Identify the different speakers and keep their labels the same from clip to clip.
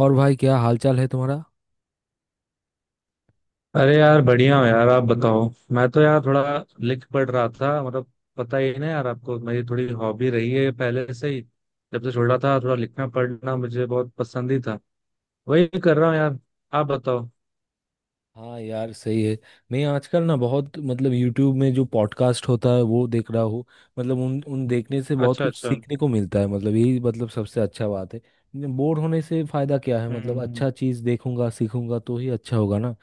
Speaker 1: और भाई क्या हालचाल है तुम्हारा?
Speaker 2: अरे यार बढ़िया हो यार, आप बताओ। मैं तो यार थोड़ा लिख पढ़ रहा था। मतलब पता ही है ना यार आपको, मेरी थोड़ी हॉबी रही है पहले से ही। जब से छोटा था थोड़ा लिखना पढ़ना मुझे बहुत पसंद ही था, वही कर रहा हूँ यार। आप बताओ।
Speaker 1: हाँ यार सही है। मैं आजकल ना बहुत मतलब YouTube में जो पॉडकास्ट होता है वो देख रहा हूँ। मतलब उन उन देखने से बहुत
Speaker 2: अच्छा
Speaker 1: कुछ
Speaker 2: अच्छा।
Speaker 1: सीखने को मिलता है, मतलब यही मतलब सबसे अच्छा बात है। बोर होने से फायदा क्या है? मतलब
Speaker 2: हम्म।
Speaker 1: अच्छा चीज़ देखूंगा सीखूंगा तो ही अच्छा होगा ना।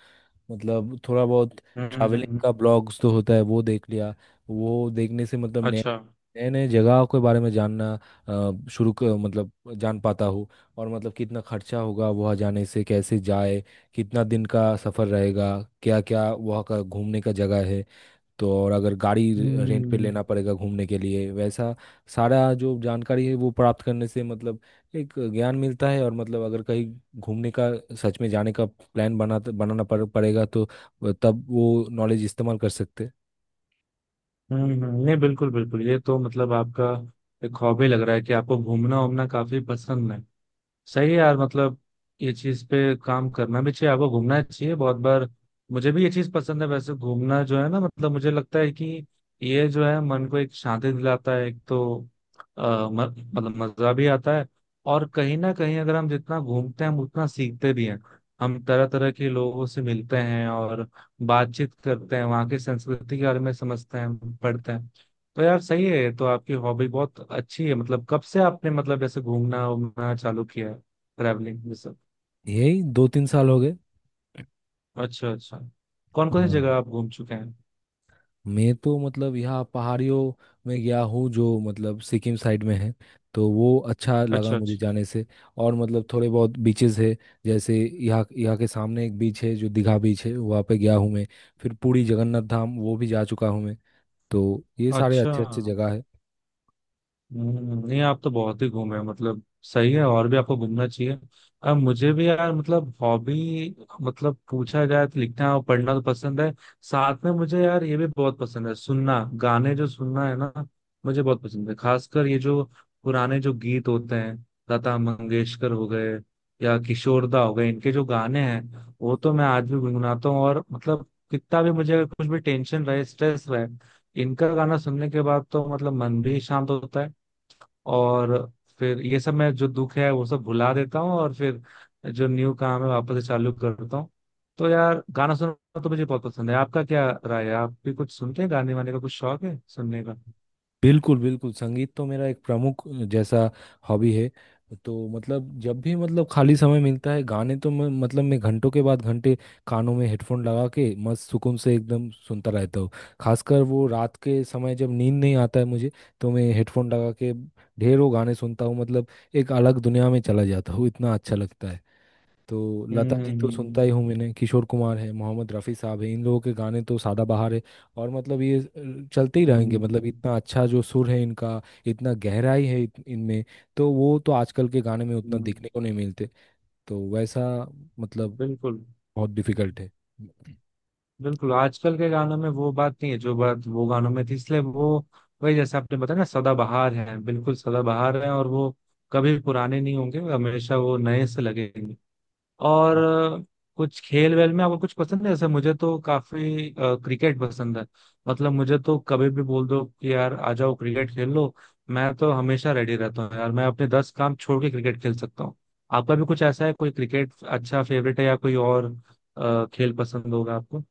Speaker 1: मतलब थोड़ा बहुत
Speaker 2: हम्म हम्म,
Speaker 1: ट्रैवलिंग का
Speaker 2: हम्म,
Speaker 1: ब्लॉग्स तो होता है वो देख लिया। वो देखने से मतलब नए
Speaker 2: अच्छा।
Speaker 1: नए नए जगह के बारे में जानना, मतलब जान पाता हूँ। और मतलब कितना खर्चा होगा वहाँ जाने से, कैसे जाए, कितना दिन का सफ़र रहेगा, क्या क्या वहाँ का घूमने का जगह है। तो और अगर गाड़ी रेंट पे
Speaker 2: हम्म
Speaker 1: लेना पड़ेगा घूमने के लिए, वैसा सारा जो जानकारी है वो प्राप्त करने से मतलब एक ज्ञान मिलता है, और मतलब अगर कहीं घूमने का सच में जाने का प्लान बनाना पड़ेगा तो तब वो नॉलेज इस्तेमाल कर सकते हैं।
Speaker 2: नहीं बिल्कुल बिल्कुल, ये तो मतलब आपका एक हॉबी लग रहा है कि आपको घूमना वूमना काफी पसंद है। सही है यार, मतलब ये चीज पे काम करना भी चाहिए, आपको घूमना चाहिए बहुत बार। मुझे भी ये चीज पसंद है वैसे, घूमना जो है ना, मतलब मुझे लगता है कि ये जो है मन को एक शांति दिलाता है एक तो, आ, म, मतलब मजा भी आता है। और कहीं ना कहीं अगर हम जितना घूमते हैं हम उतना सीखते भी हैं, हम तरह तरह के लोगों से मिलते हैं और बातचीत करते हैं, वहाँ की संस्कृति के बारे में समझते हैं पढ़ते हैं। तो यार सही है, ये तो आपकी हॉबी बहुत अच्छी है। मतलब कब से आपने मतलब ऐसे घूमना घूमना चालू किया है, ट्रैवलिंग भी सब?
Speaker 1: यही 2-3 साल हो गए।
Speaker 2: अच्छा अच्छा। कौन कौन सी
Speaker 1: हाँ,
Speaker 2: जगह आप घूम चुके हैं?
Speaker 1: मैं तो मतलब यहाँ पहाड़ियों में गया हूँ जो मतलब सिक्किम साइड में है, तो वो अच्छा लगा
Speaker 2: अच्छा
Speaker 1: मुझे
Speaker 2: अच्छा।
Speaker 1: जाने से। और मतलब थोड़े बहुत बीचेस है, जैसे यहाँ यहाँ के सामने एक बीच है जो दीघा बीच है, वहाँ पे गया हूँ मैं। फिर पुरी जगन्नाथ धाम वो भी जा चुका हूँ मैं। तो ये सारे
Speaker 2: अच्छा।
Speaker 1: अच्छे अच्छे जगह है।
Speaker 2: नहीं आप तो बहुत ही घूमे हैं, मतलब सही है, और भी आपको घूमना चाहिए। अब मुझे भी यार मतलब हॉबी मतलब पूछा जाए तो लिखना और पढ़ना तो पसंद है। साथ में मुझे यार ये भी बहुत पसंद है सुनना, गाने जो सुनना है ना मुझे बहुत पसंद है, खासकर ये जो पुराने जो गीत होते हैं, लता मंगेशकर हो गए या किशोरदा हो गए, इनके जो गाने हैं वो तो मैं आज भी गुनगुनाता हूँ। और मतलब कितना भी मुझे अगर कुछ भी टेंशन रहे स्ट्रेस रहे, इनका गाना सुनने के बाद तो मतलब मन भी शांत होता है और फिर ये सब मैं जो दुख है वो सब भुला देता हूँ, और फिर जो न्यू काम है वापस से चालू करता हूँ। तो यार गाना सुनना तो मुझे बहुत पसंद है। आपका क्या राय है, आप भी कुछ सुनते हैं, गाने वाने का कुछ शौक है सुनने का?
Speaker 1: बिल्कुल बिल्कुल, संगीत तो मेरा एक प्रमुख जैसा हॉबी है। तो मतलब जब भी मतलब खाली समय मिलता है गाने, तो मैं घंटों के बाद घंटे कानों में हेडफोन लगा के मस्त सुकून से एकदम सुनता रहता हूँ। खासकर वो रात के समय जब नींद नहीं आता है मुझे, तो मैं हेडफोन लगा के ढेरों गाने सुनता हूँ। मतलब एक अलग दुनिया में चला जाता हूँ, इतना अच्छा लगता है। तो लता जी तो सुनता
Speaker 2: हम्म
Speaker 1: ही हूँ, मैंने किशोर कुमार है, मोहम्मद रफ़ी साहब है, इन लोगों के गाने तो सदाबहार है। और मतलब ये चलते ही रहेंगे, मतलब
Speaker 2: हम्म,
Speaker 1: इतना अच्छा जो सुर है इनका, इतना गहराई है इनमें। तो वो तो आजकल के गाने में उतना
Speaker 2: हम्म,
Speaker 1: दिखने को नहीं मिलते। तो वैसा मतलब
Speaker 2: बिल्कुल
Speaker 1: बहुत डिफिकल्ट
Speaker 2: बिल्कुल, आजकल के गानों में वो बात नहीं है जो बात वो गानों में थी, इसलिए वो, वही जैसे आपने बताया ना, सदाबहार है बिल्कुल, सदाबहार है और वो कभी पुराने नहीं होंगे, हमेशा वो नए से लगेंगे।
Speaker 1: है।
Speaker 2: और कुछ खेल वेल में आपको कुछ पसंद है? जैसे मुझे तो काफी क्रिकेट पसंद है। मतलब मुझे तो कभी भी बोल दो कि यार आ जाओ क्रिकेट खेल लो, मैं तो हमेशा रेडी रहता हूँ यार, मैं अपने दस काम छोड़ के क्रिकेट खेल सकता हूँ। आपका भी कुछ ऐसा है, कोई क्रिकेट अच्छा फेवरेट है, या कोई और खेल पसंद होगा आपको?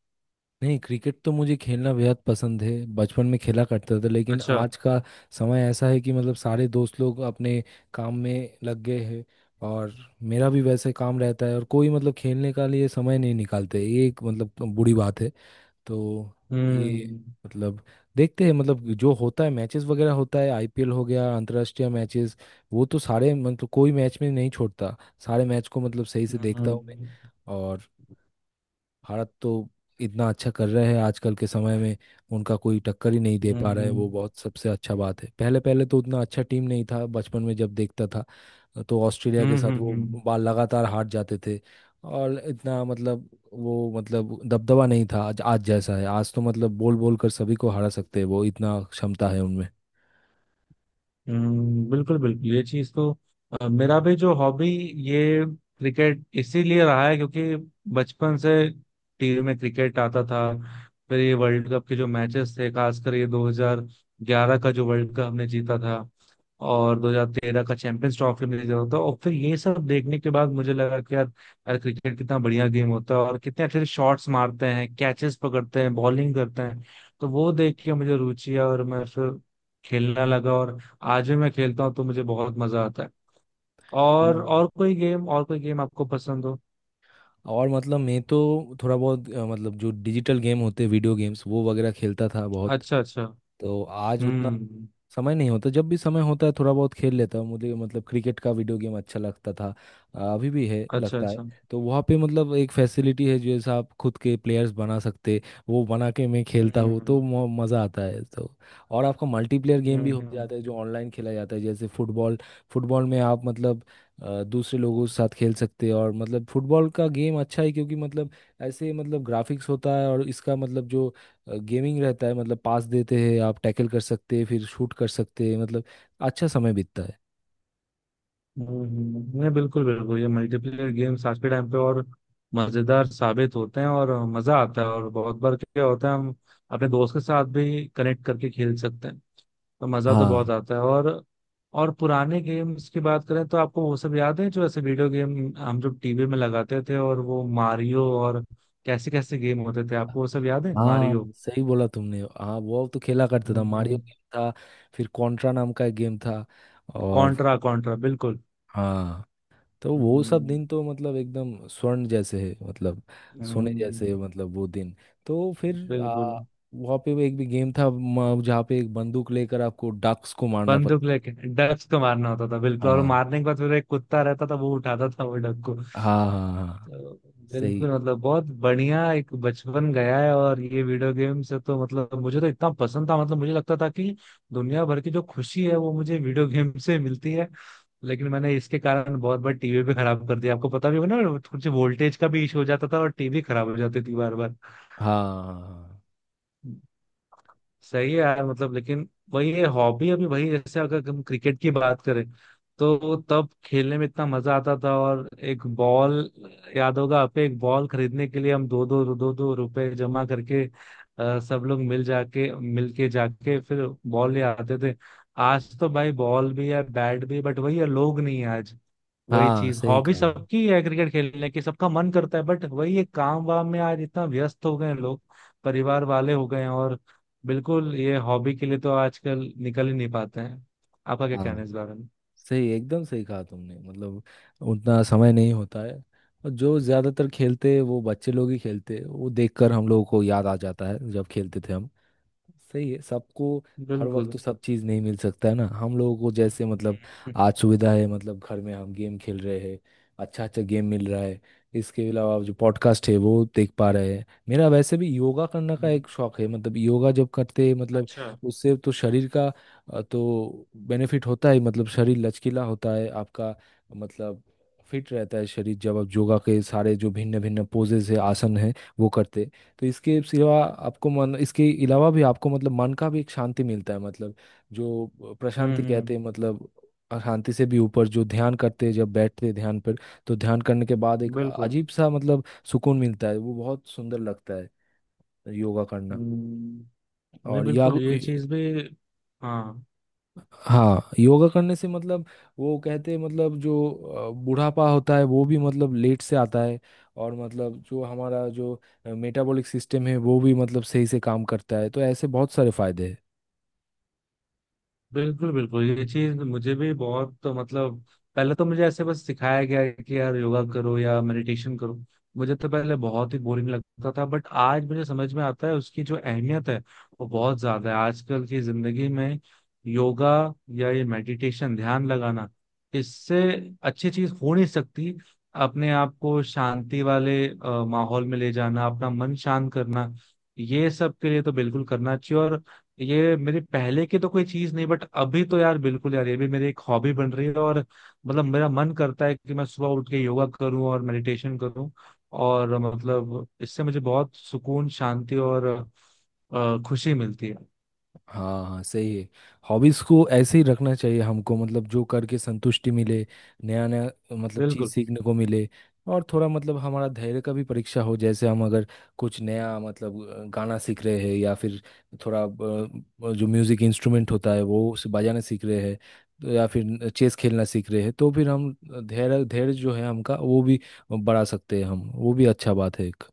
Speaker 1: नहीं, क्रिकेट तो मुझे खेलना बेहद पसंद है, बचपन में खेला करता था, लेकिन
Speaker 2: अच्छा।
Speaker 1: आज का समय ऐसा है कि मतलब सारे दोस्त लोग अपने काम में लग गए हैं। और मेरा भी वैसे काम रहता है, और कोई मतलब खेलने का लिए समय नहीं निकालते, ये एक मतलब बुरी बात है। तो ये
Speaker 2: हम्म
Speaker 1: मतलब देखते हैं, मतलब जो होता है मैचेस वगैरह होता है, आईपीएल हो गया, अंतर्राष्ट्रीय मैचेस वो तो सारे, मतलब कोई मैच में नहीं छोड़ता, सारे मैच को मतलब सही से
Speaker 2: हम्म
Speaker 1: देखता हूँ मैं।
Speaker 2: हम्म
Speaker 1: और भारत तो इतना अच्छा कर रहे हैं आजकल के समय में, उनका कोई टक्कर ही नहीं दे पा रहा है,
Speaker 2: हम्म
Speaker 1: वो बहुत सबसे अच्छा बात है। पहले पहले तो उतना अच्छा टीम नहीं था, बचपन में जब देखता था तो ऑस्ट्रेलिया के
Speaker 2: हम्म
Speaker 1: साथ
Speaker 2: हम्म,
Speaker 1: वो
Speaker 2: हम्म।
Speaker 1: बाल लगातार हार जाते थे। और इतना मतलब वो मतलब दबदबा नहीं था, आज आज जैसा है, आज तो मतलब बोल बोल कर सभी को हरा सकते हैं, वो इतना क्षमता है
Speaker 2: बिल्कुल बिल्कुल, ये चीज तो मेरा भी जो हॉबी ये क्रिकेट इसीलिए रहा है, क्योंकि बचपन से टीवी में क्रिकेट आता था। फिर ये वर्ल्ड कप के जो मैचेस थे, खासकर ये 2011 का जो वर्ल्ड कप हमने जीता था और 2013 का चैंपियंस ट्रॉफी हमने जीता था, और फिर ये सब देखने के बाद मुझे लगा कि यार, क्रिकेट कितना बढ़िया गेम होता है, और कितने अच्छे शॉट्स मारते हैं, कैचेस पकड़ते हैं, बॉलिंग करते हैं। तो वो देख के मुझे रुचि आई और मैं फिर खेलना लगा, और आज भी मैं खेलता हूँ तो मुझे बहुत मजा आता है। और
Speaker 1: उनमें।
Speaker 2: और कोई गेम आपको पसंद हो?
Speaker 1: और मतलब मैं तो थोड़ा बहुत मतलब जो डिजिटल गेम होते हैं वीडियो गेम्स वो वगैरह खेलता था बहुत।
Speaker 2: अच्छा अच्छा।
Speaker 1: तो आज उतना
Speaker 2: हम्म।
Speaker 1: समय नहीं होता, जब भी समय होता है थोड़ा बहुत खेल लेता हूँ, मुझे मतलब क्रिकेट का वीडियो गेम अच्छा लगता था। अभी भी है
Speaker 2: अच्छा
Speaker 1: लगता है।
Speaker 2: अच्छा।
Speaker 1: तो वहाँ पे मतलब एक फैसिलिटी है जैसे आप खुद के प्लेयर्स बना सकते, वो बना के मैं खेलता हूँ
Speaker 2: हम्म
Speaker 1: तो मज़ा आता है तो। और आपका मल्टीप्लेयर गेम भी
Speaker 2: हम्म।
Speaker 1: हो जाता है जो ऑनलाइन खेला जाता है जैसे फुटबॉल। फुटबॉल में आप मतलब दूसरे लोगों के साथ खेल सकते हैं, और मतलब फुटबॉल का गेम अच्छा है क्योंकि मतलब ऐसे मतलब ग्राफिक्स होता है, और इसका मतलब जो गेमिंग रहता है मतलब पास देते हैं, आप टैकल कर सकते हैं, फिर शूट कर सकते हैं, मतलब अच्छा समय बीतता है।
Speaker 2: नहीं बिल्कुल बिल्कुल, ये मल्टीप्लेयर गेम्स आज के टाइम पे और मजेदार साबित होते हैं, और मजा आता है, और बहुत बार क्या होता है, हम अपने दोस्त के साथ भी कनेक्ट करके खेल सकते हैं, तो मजा तो बहुत
Speaker 1: हाँ
Speaker 2: आता है। और पुराने गेम्स की बात करें तो आपको वो सब याद है, जो ऐसे वीडियो गेम हम जो टीवी में लगाते थे, और वो मारियो और कैसे कैसे गेम होते थे, आपको वो सब याद है?
Speaker 1: हाँ,
Speaker 2: मारियो,
Speaker 1: सही बोला तुमने, हाँ वो तो खेला करता था, मारियो गेम था, फिर कॉन्ट्रा नाम का एक गेम था। और
Speaker 2: कॉन्ट्रा कॉन्ट्रा, बिल्कुल।
Speaker 1: हाँ, तो वो सब
Speaker 2: हम्म,
Speaker 1: दिन तो मतलब एकदम स्वर्ण जैसे है, मतलब सोने
Speaker 2: हम्म,
Speaker 1: जैसे है, मतलब वो दिन। तो फिर
Speaker 2: बिल्कुल।
Speaker 1: वहाँ पे वो एक भी गेम था जहाँ पे एक बंदूक लेकर आपको डक्स को मारना पड़ता।
Speaker 2: बंदूक लेके डक्स को मारना होता था, बिल्कुल, और
Speaker 1: हाँ
Speaker 2: मारने के बाद फिर एक कुत्ता रहता था, वो उठाता था वो डक को।
Speaker 1: हाँ हाँ। हाँ
Speaker 2: तो
Speaker 1: सही।
Speaker 2: बिल्कुल, मतलब बहुत बढ़िया एक बचपन गया है। और ये वीडियो गेम से तो मतलब मुझे तो इतना पसंद था, मतलब मुझे लगता था कि दुनिया भर की जो खुशी है वो मुझे वीडियो गेम से मिलती है। लेकिन मैंने इसके कारण बहुत बार टीवी भी खराब कर दिया, आपको पता भी होगा ना, कुछ वोल्टेज का भी इशू हो जाता था और टीवी खराब हो जाती थी बार बार।
Speaker 1: हाँ हाँ
Speaker 2: सही है यार, मतलब लेकिन वही है हॉबी अभी। वही जैसे अगर हम क्रिकेट की बात करें, तो तब खेलने में इतना मजा आता था, और एक बॉल, याद होगा आप, एक बॉल खरीदने के लिए हम दो दो रुपए जमा करके सब लोग मिल के जाके फिर बॉल ले आते थे। आज तो भाई बॉल भी है बैट भी है, बट वही है, लोग नहीं है आज।
Speaker 1: हाँ
Speaker 2: वही
Speaker 1: हाँ,
Speaker 2: चीज
Speaker 1: सही
Speaker 2: हॉबी
Speaker 1: कहा।
Speaker 2: सबकी है, क्रिकेट खेलने की सबका मन करता है, बट वही है काम वाम में आज इतना व्यस्त हो गए हैं लोग, परिवार वाले हो गए हैं, और बिल्कुल ये हॉबी के लिए तो आजकल निकल ही नहीं पाते हैं। आपका क्या
Speaker 1: हाँ
Speaker 2: कहना है इस बारे में?
Speaker 1: सही एकदम सही कहा तुमने, मतलब उतना समय नहीं होता है। और जो ज़्यादातर खेलते हैं वो बच्चे लोग ही खेलते हैं, वो देखकर हम लोगों को याद आ जाता है जब खेलते थे हम। सही है सबको। हर वक्त
Speaker 2: बिल्कुल।
Speaker 1: तो सब चीज़ नहीं मिल सकता है ना हम लोगों को, जैसे मतलब
Speaker 2: हम्म,
Speaker 1: आज सुविधा है, मतलब घर में हम गेम खेल रहे हैं, अच्छा अच्छा गेम मिल रहा है। इसके अलावा जो पॉडकास्ट है वो देख पा रहे हैं। मेरा वैसे भी योगा करने का
Speaker 2: हम्म।
Speaker 1: एक शौक है, मतलब योगा जब करते हैं, मतलब
Speaker 2: अच्छा।
Speaker 1: उससे तो शरीर का तो बेनिफिट होता है, मतलब शरीर लचकीला होता है आपका, मतलब फिट रहता है शरीर, जब आप योगा के सारे जो भिन्न भिन्न पोजेज है आसन है वो करते। तो इसके सिवा आपको मन, इसके अलावा भी आपको मतलब मन का भी एक शांति मिलता है, मतलब जो प्रशांति कहते हैं,
Speaker 2: हम्म।
Speaker 1: मतलब शांति से भी ऊपर जो ध्यान करते हैं जब बैठते हैं ध्यान पर। तो ध्यान करने के बाद एक
Speaker 2: बिल्कुल।
Speaker 1: अजीब सा मतलब सुकून मिलता है, वो बहुत सुंदर लगता है योगा करना।
Speaker 2: हम्म, नहीं
Speaker 1: और या
Speaker 2: बिल्कुल, ये चीज भी। हाँ।
Speaker 1: हाँ, योगा करने से मतलब वो कहते हैं मतलब जो बुढ़ापा होता है वो भी मतलब लेट से आता है, और मतलब जो हमारा जो मेटाबॉलिक सिस्टम है वो भी मतलब सही से काम करता है, तो ऐसे बहुत सारे फायदे हैं।
Speaker 2: बिल्कुल बिल्कुल, ये चीज मुझे भी बहुत, तो मतलब पहले तो मुझे ऐसे बस सिखाया गया है कि यार योगा करो या मेडिटेशन करो, मुझे तो पहले बहुत ही बोरिंग लगता था, बट आज मुझे समझ में आता है उसकी जो अहमियत है वो बहुत ज्यादा है आजकल की जिंदगी में। योगा या ये मेडिटेशन ध्यान लगाना, इससे अच्छी चीज हो नहीं सकती, अपने आप को शांति वाले माहौल में ले जाना, अपना मन शांत करना, ये सब के लिए तो बिल्कुल करना चाहिए। और ये मेरी पहले की तो कोई चीज नहीं, बट अभी तो यार बिल्कुल यार ये भी मेरी एक हॉबी बन रही है, और मतलब मेरा मन करता है कि मैं सुबह उठ के योगा करूं और मेडिटेशन करूं, और मतलब इससे मुझे बहुत सुकून शांति और खुशी मिलती है।
Speaker 1: हाँ हाँ सही है। हॉबीज को ऐसे ही रखना चाहिए हमको, मतलब जो करके संतुष्टि मिले, नया नया मतलब चीज
Speaker 2: बिल्कुल
Speaker 1: सीखने को मिले। और थोड़ा मतलब हमारा धैर्य का भी परीक्षा हो, जैसे हम अगर कुछ नया मतलब गाना सीख रहे हैं, या फिर थोड़ा जो म्यूजिक इंस्ट्रूमेंट होता है वो उसे बजाना सीख रहे हैं, तो या फिर चेस खेलना सीख रहे हैं, तो फिर हम धैर्य धैर्य जो है हमका वो भी बढ़ा सकते हैं हम, वो भी अच्छा बात है एक।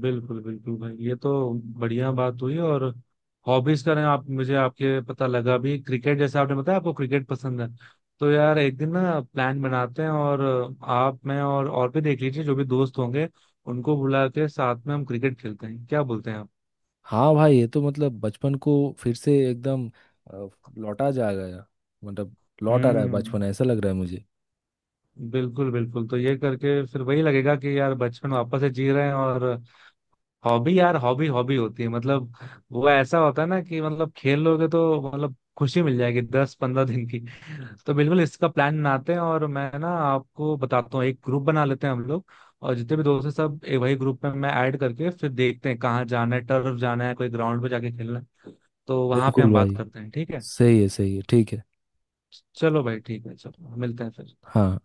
Speaker 2: बिल्कुल, बिल्कुल भाई ये तो बढ़िया बात हुई। और हॉबीज का ना, आप, मुझे आपके पता लगा भी क्रिकेट, जैसे आपने बताया आपको क्रिकेट पसंद है, तो यार एक दिन ना प्लान बनाते हैं, और आप मैं और भी देख लीजिए जो भी दोस्त होंगे, उनको बुला के साथ में हम क्रिकेट खेलते हैं, क्या बोलते हैं आप?
Speaker 1: हाँ भाई ये तो मतलब बचपन को फिर से एकदम अ, लौटा जा गया, मतलब लौट आ रहा है
Speaker 2: हम्म।
Speaker 1: बचपन ऐसा लग रहा है मुझे।
Speaker 2: बिल्कुल बिल्कुल, तो ये करके फिर वही लगेगा कि यार बचपन वापस से जी रहे हैं। और हॉबी यार, हॉबी हॉबी होती है मतलब, वो ऐसा होता है ना कि मतलब खेल लोगे तो मतलब खुशी मिल जाएगी दस पंद्रह दिन की। तो बिल्कुल इसका प्लान बनाते हैं, और मैं ना आपको बताता हूँ, एक ग्रुप बना लेते हैं हम लोग, और जितने भी दोस्त हैं सब एक वही ग्रुप में मैं ऐड करके फिर देखते हैं कहाँ जाना है, टर्फ जाना है, कोई ग्राउंड पे जाके खेलना है, तो वहां पे
Speaker 1: बिल्कुल
Speaker 2: हम बात
Speaker 1: भाई,
Speaker 2: करते हैं, ठीक है?
Speaker 1: सही है ठीक है।
Speaker 2: चलो भाई ठीक है, चलो मिलते हैं फिर।
Speaker 1: हाँ।